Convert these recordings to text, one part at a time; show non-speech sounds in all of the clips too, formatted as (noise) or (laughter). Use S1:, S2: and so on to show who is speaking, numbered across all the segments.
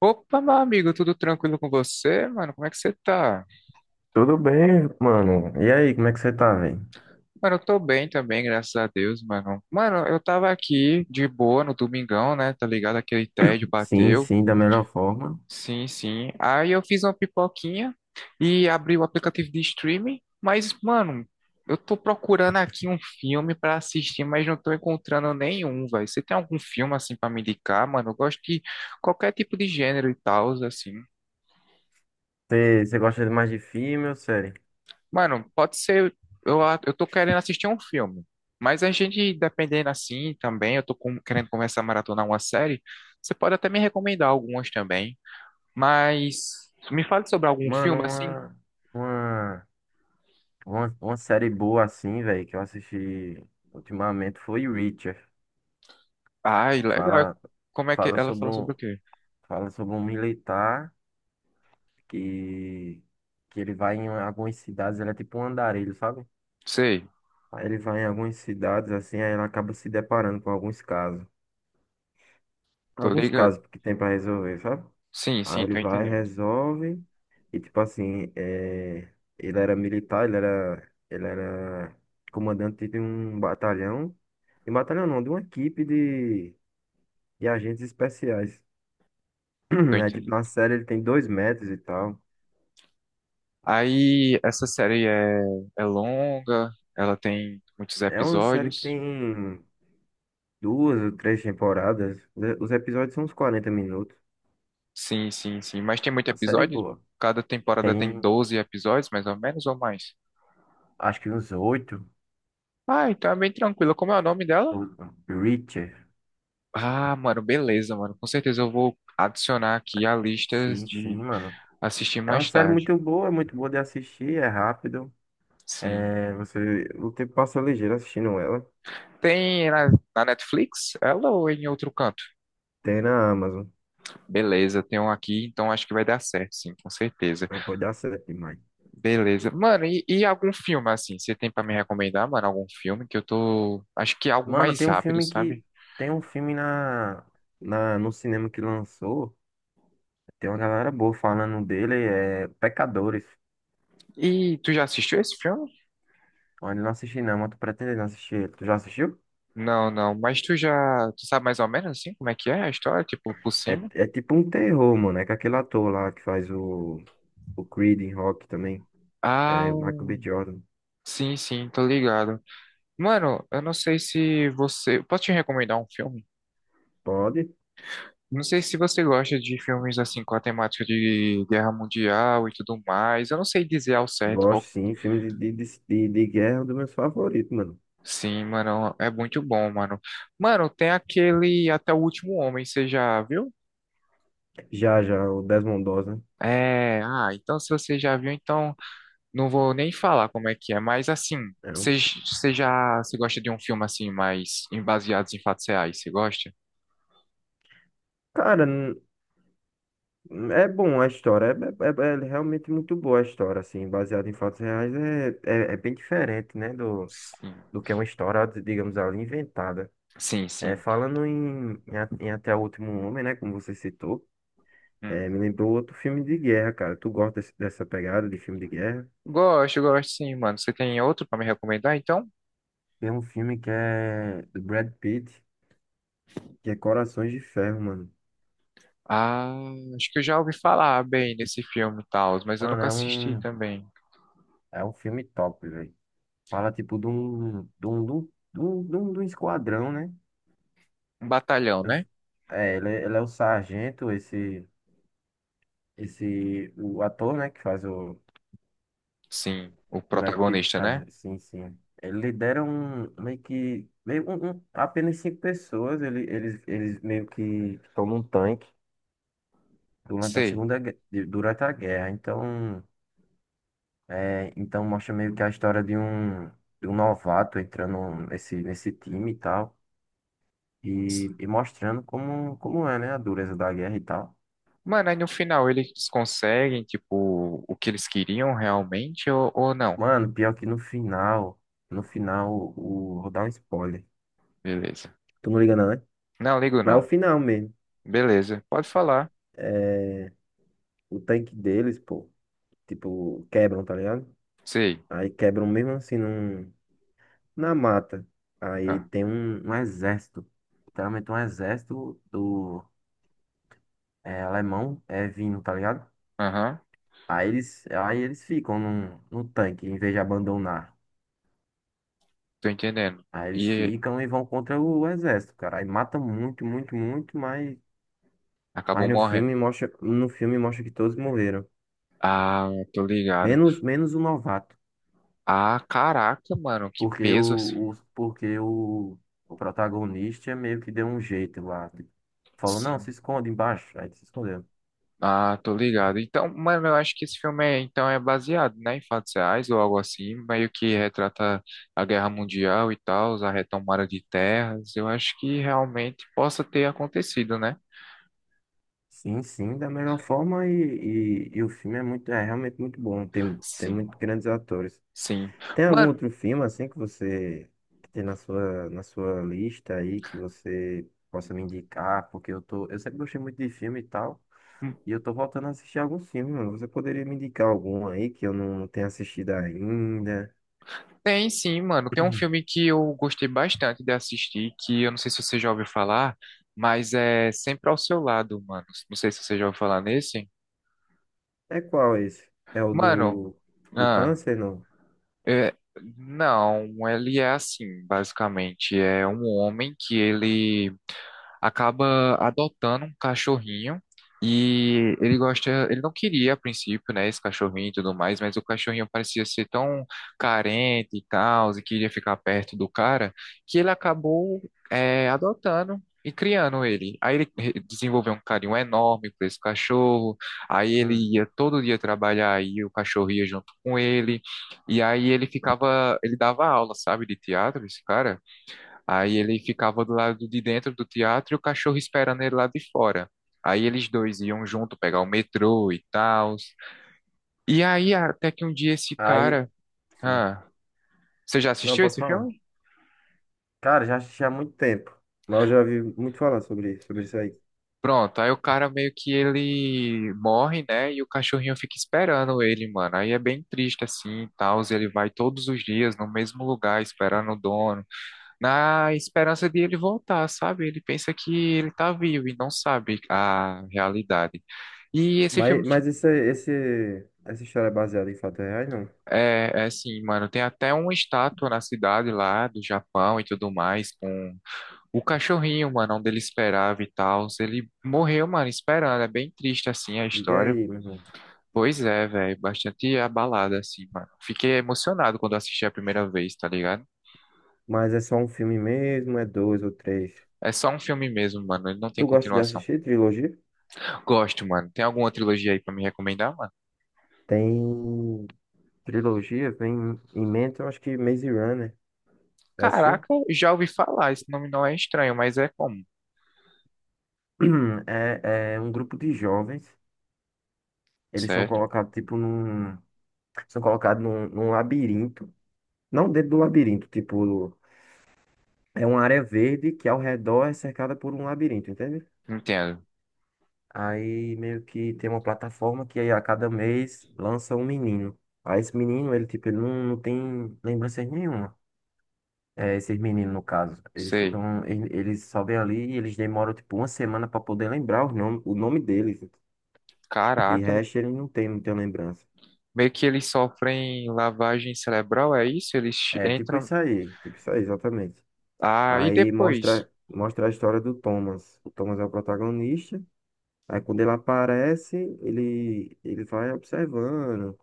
S1: Opa, meu amigo, tudo tranquilo com você, mano? Como é que você tá?
S2: Tudo bem, mano? E aí, como é que você tá, velho?
S1: Mano, eu tô bem também, graças a Deus, mano. Mano, eu tava aqui de boa no domingão, né? Tá ligado? Aquele tédio
S2: Sim,
S1: bateu.
S2: sim, da melhor forma.
S1: Sim, sim. Aí eu fiz uma pipoquinha e abri o aplicativo de streaming. Mas, mano, eu tô procurando aqui um filme pra assistir, mas não tô encontrando nenhum, velho. Você tem algum filme assim pra me indicar, mano? Eu gosto de qualquer tipo de gênero e tal, assim.
S2: Você gosta de mais de filme ou série?
S1: Mano, pode ser. Eu tô querendo assistir um filme. Mas a gente, dependendo assim também, querendo começar a maratonar uma série. Você pode até me recomendar algumas também. Mas me fale sobre algum
S2: Mano,
S1: filme assim.
S2: uma, uma série boa assim, velho, que eu assisti ultimamente foi Reacher.
S1: Ai, legal.
S2: Fala,
S1: Como é que
S2: fala
S1: ela
S2: sobre
S1: fala sobre
S2: um,
S1: o quê?
S2: fala sobre um militar que, que ele vai em algumas cidades, ele é tipo um andarilho, sabe?
S1: Sei,
S2: Aí ele vai em algumas cidades assim, aí ele acaba se deparando com alguns casos.
S1: tô
S2: Alguns
S1: ligado.
S2: casos que tem pra resolver, sabe?
S1: Sim,
S2: Aí
S1: sim,
S2: ele
S1: tô
S2: vai,
S1: entendendo.
S2: resolve. E tipo assim, ele era militar, ele era comandante de um batalhão. De um batalhão não, de uma equipe de agentes especiais. (clears throat)
S1: Tô
S2: Aí, tipo,
S1: entendendo.
S2: na série ele tem 2 metros e tal.
S1: Aí, essa série é longa, ela tem muitos
S2: É uma série que
S1: episódios.
S2: tem duas ou três temporadas, né? Os episódios são uns 40 minutos.
S1: Sim, sim, sim. Mas tem muito
S2: Uma série é
S1: episódio?
S2: boa.
S1: Cada temporada tem
S2: Tem,
S1: 12 episódios, mais ou menos, ou mais?
S2: acho que uns oito.
S1: Ah, então é bem tranquilo. Como é o nome dela?
S2: o- Reacher.
S1: Ah, mano, beleza, mano. Com certeza eu vou adicionar aqui a listas
S2: Sim, sim,
S1: de
S2: mano.
S1: assistir
S2: É uma
S1: mais
S2: série
S1: tarde.
S2: muito boa, é muito boa de assistir, é rápido.
S1: Sim.
S2: O tempo passa ligeiro assistindo ela.
S1: Tem na, na Netflix? Ela ou em outro canto?
S2: Tem na Amazon.
S1: Beleza, tem um aqui, então acho que vai dar certo, sim, com certeza.
S2: Mas pode dar certo demais.
S1: Beleza. Mano, e algum filme, assim? Você tem pra me recomendar, mano, algum filme que eu tô. Acho que é algo
S2: Mano,
S1: mais
S2: tem um
S1: rápido,
S2: filme
S1: sabe?
S2: que. tem um filme no cinema que lançou. Tem uma galera boa falando dele. É Pecadores.
S1: E tu já assistiu esse filme?
S2: Olha, eu não assisti não, mas tô pretendendo assistir. Tu já assistiu?
S1: Não, não. Tu sabe mais ou menos assim como é que é a história, tipo, por
S2: É,
S1: cima?
S2: é tipo um terror, mano. É com aquele ator lá que faz o, Creed em Rock também.
S1: Ah,
S2: É o Michael B. Jordan.
S1: sim, sim, tô ligado. Mano, eu não sei se você, posso te recomendar um filme?
S2: Pode?
S1: Não sei se você gosta de filmes assim com a temática de guerra mundial e tudo mais. Eu não sei dizer ao certo
S2: Gosto
S1: qual.
S2: sim, filme de guerra é um dos meus favoritos, mano.
S1: Sim, mano, é muito bom, mano. Mano, tem aquele Até o Último Homem, você já viu?
S2: Já, já, o Desmond Doss, né?
S1: É, ah, então se você já viu, então não vou nem falar como é que é, mas assim,
S2: É um-
S1: você você gosta de um filme assim, baseados em fatos reais? Você gosta?
S2: Cara, é bom a história, é realmente muito boa a história, assim, baseada em fatos reais, é bem diferente, né, do,
S1: Sim,
S2: do que é uma história, digamos ali, inventada.
S1: sim,
S2: É,
S1: sim.
S2: falando em Até o Último Homem, né, como você citou,
S1: Hum.
S2: me lembrou outro filme de guerra, cara. Tu gosta dessa pegada de filme de guerra?
S1: Gosto, gosto sim, mano. Você tem outro pra me recomendar, então?
S2: Tem um filme que é do Brad Pitt, que é Corações de Ferro, mano.
S1: Ah, acho que eu já ouvi falar bem desse filme e tal, mas eu
S2: Mano,
S1: nunca
S2: é
S1: assisti
S2: um.
S1: também.
S2: É um filme top, velho. Fala, tipo, de um esquadrão, né?
S1: Um batalhão,
S2: Eu-
S1: né?
S2: Ele é o sargento, o ator, né, que faz
S1: Sim, o
S2: o Brad Pitt, que
S1: protagonista, né?
S2: faz, sim, sim. Ele lidera um, meio que, meio, um- apenas cinco pessoas, eles meio que estão num tanque
S1: Sei.
S2: Durante a guerra. Então, então mostra meio que a história de um novato entrando nesse time e tal. E mostrando como é, né? A dureza da guerra e tal.
S1: Mano, aí no final eles conseguem, tipo, o que eles queriam realmente ou não?
S2: Mano, pior que no final, vou dar um spoiler.
S1: Beleza.
S2: Tu não liga não, né?
S1: Não, ligo
S2: Mas é o
S1: não.
S2: final mesmo.
S1: Beleza, pode falar.
S2: É, o tanque deles, pô, tipo, quebram, tá ligado?
S1: Sei.
S2: Aí quebram mesmo assim na mata. Aí
S1: Ah,
S2: tem um exército. Literalmente um exército alemão é vindo, tá ligado?
S1: aham,
S2: Aí eles ficam no tanque, em vez de abandonar.
S1: tô entendendo.
S2: Aí eles
S1: E
S2: ficam e vão contra o exército, cara. Aí matam muito, muito, muito, mas
S1: acabou
S2: no
S1: morrendo.
S2: filme mostra, no filme mostra que todos morreram.
S1: Ah, tô ligado.
S2: Menos, menos o novato.
S1: Ah, caraca, mano, que
S2: Porque o,
S1: peso assim.
S2: o- porque o, o protagonista meio que deu um jeito lá. Tipo, falou, não,
S1: Sim.
S2: se esconde embaixo. Aí ele se escondeu.
S1: Ah, tô ligado. Então, mano, eu acho que esse filme então, é baseado, né, em fatos reais ou algo assim, meio que retrata a Guerra Mundial e tal, a retomada de terras. Eu acho que realmente possa ter acontecido, né?
S2: Sim, sim, da melhor forma e o filme é é realmente muito bom. Tem
S1: Sim,
S2: muito grandes atores.
S1: sim.
S2: Tem algum
S1: Mano.
S2: outro filme assim que tem na sua lista aí que você possa me indicar? Porque eu sempre gostei muito de filme e tal, e eu tô voltando a assistir alguns filmes, mano. Você poderia me indicar algum aí que eu não tenha assistido ainda?
S1: Tem sim, mano. Tem um filme
S2: (clears throat)
S1: que eu gostei bastante de assistir, que eu não sei se você já ouviu falar, mas é Sempre ao Seu Lado, mano. Não sei se você já ouviu falar nesse.
S2: É qual esse? É o
S1: Mano,
S2: do
S1: ah,
S2: câncer, não?
S1: é, não, ele é assim, basicamente. É um homem que ele acaba adotando um cachorrinho e ele gosta, ele não queria a princípio, né, esse cachorrinho e tudo mais, mas o cachorrinho parecia ser tão carente e tal, e queria ficar perto do cara, que ele acabou adotando. E criando ele. Desenvolveu um carinho enorme por esse cachorro. Aí ele
S2: Hum.
S1: ia todo dia trabalhar e o cachorro ia junto com ele. E aí ele ficava, ele dava aula, sabe, de teatro, esse cara. Aí ele ficava do lado de dentro do teatro e o cachorro esperando ele lá de fora. Aí eles dois iam junto pegar o metrô e tal. E aí até que um dia esse
S2: Aí,
S1: cara,
S2: sim.
S1: ah, você já
S2: Não,
S1: assistiu
S2: pode
S1: esse
S2: falar.
S1: filme?
S2: Cara, já assisti há muito tempo, mas eu já vi muito falar sobre isso aí.
S1: Pronto, aí o cara meio que ele morre, né? E o cachorrinho fica esperando ele, mano. Aí é bem triste assim, e tal. Ele vai todos os dias no mesmo lugar esperando o dono, na esperança de ele voltar, sabe? Ele pensa que ele tá vivo e não sabe a realidade. E esse filme
S2: Mas essa história é baseada em fatos reais, não?
S1: é, é assim, mano, tem até uma estátua na cidade lá do Japão e tudo mais, com o cachorrinho, mano, onde ele esperava e tal. Ele morreu, mano, esperando. É bem triste, assim, a
S2: Diga
S1: história.
S2: aí, meu irmão.
S1: Pois é, velho, bastante abalada, assim, mano. Fiquei emocionado quando assisti a primeira vez, tá ligado?
S2: Mas é só um filme mesmo? É dois ou três?
S1: É só um filme mesmo, mano, ele não tem
S2: Tu gosta de
S1: continuação.
S2: assistir trilogia?
S1: Gosto, mano. Tem alguma trilogia aí pra me recomendar, mano?
S2: Tem trilogia, vem em mente, eu acho que Maze Runner. Já assistiu?
S1: Caraca, já ouvi falar, esse nome não é estranho, mas é comum,
S2: (clears throat) É um grupo de jovens. Eles são
S1: certo?
S2: colocados, tipo, num. São colocados num labirinto. Não dentro do labirinto, tipo. É uma área verde que ao redor é cercada por um labirinto, entende?
S1: Entendo,
S2: Aí meio que tem uma plataforma que aí a cada mês lança um menino. Aí esse menino, ele não tem lembranças nenhuma. Esses meninos, no caso. Eles
S1: sei.
S2: ficam. Eles só vêm ali e eles demoram tipo uma semana para poder lembrar o nome deles. De
S1: Caraca,
S2: resto, ele não tem muita lembrança.
S1: meio que eles sofrem lavagem cerebral, é isso?
S2: É tipo
S1: Entram.
S2: isso aí. Tipo isso aí, exatamente.
S1: Ah, e
S2: Aí
S1: depois?
S2: mostra a história do Thomas. O Thomas é o protagonista. Aí quando ele aparece, ele vai observando.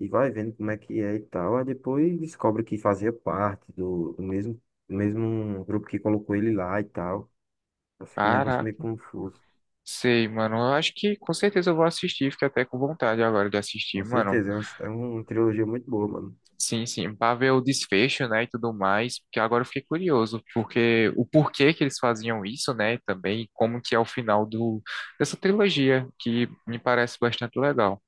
S2: E vai vendo como é que é e tal. Aí depois descobre que fazia parte do mesmo grupo que colocou ele lá e tal. Aí fica um negócio meio
S1: Caraca,
S2: confuso.
S1: sei, mano. Eu acho que com certeza eu vou assistir, fiquei até com vontade agora de assistir,
S2: Com
S1: mano.
S2: certeza, é uma trilogia muito boa, mano.
S1: Sim, sim, pra ver o desfecho, né, e tudo mais, porque agora eu fiquei curioso, porque o porquê que eles faziam isso, né, também, como que é o final dessa trilogia, que me parece bastante legal.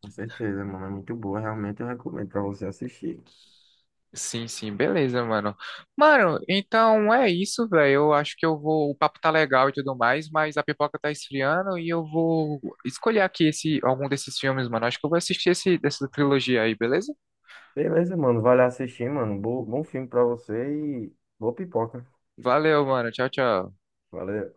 S2: Com certeza, mano, é muito boa. Realmente eu recomendo pra você assistir.
S1: Sim, sim, beleza, mano. Mano, então é isso, velho. Eu acho que eu vou. O papo tá legal e tudo mais, mas a pipoca tá esfriando e eu vou escolher aqui esse, algum desses filmes, mano. Acho que eu vou assistir esse, dessa trilogia aí, beleza?
S2: Beleza, mano, vai lá assistir, mano. Bom filme pra você e boa pipoca.
S1: Valeu, mano. Tchau, tchau.
S2: Valeu.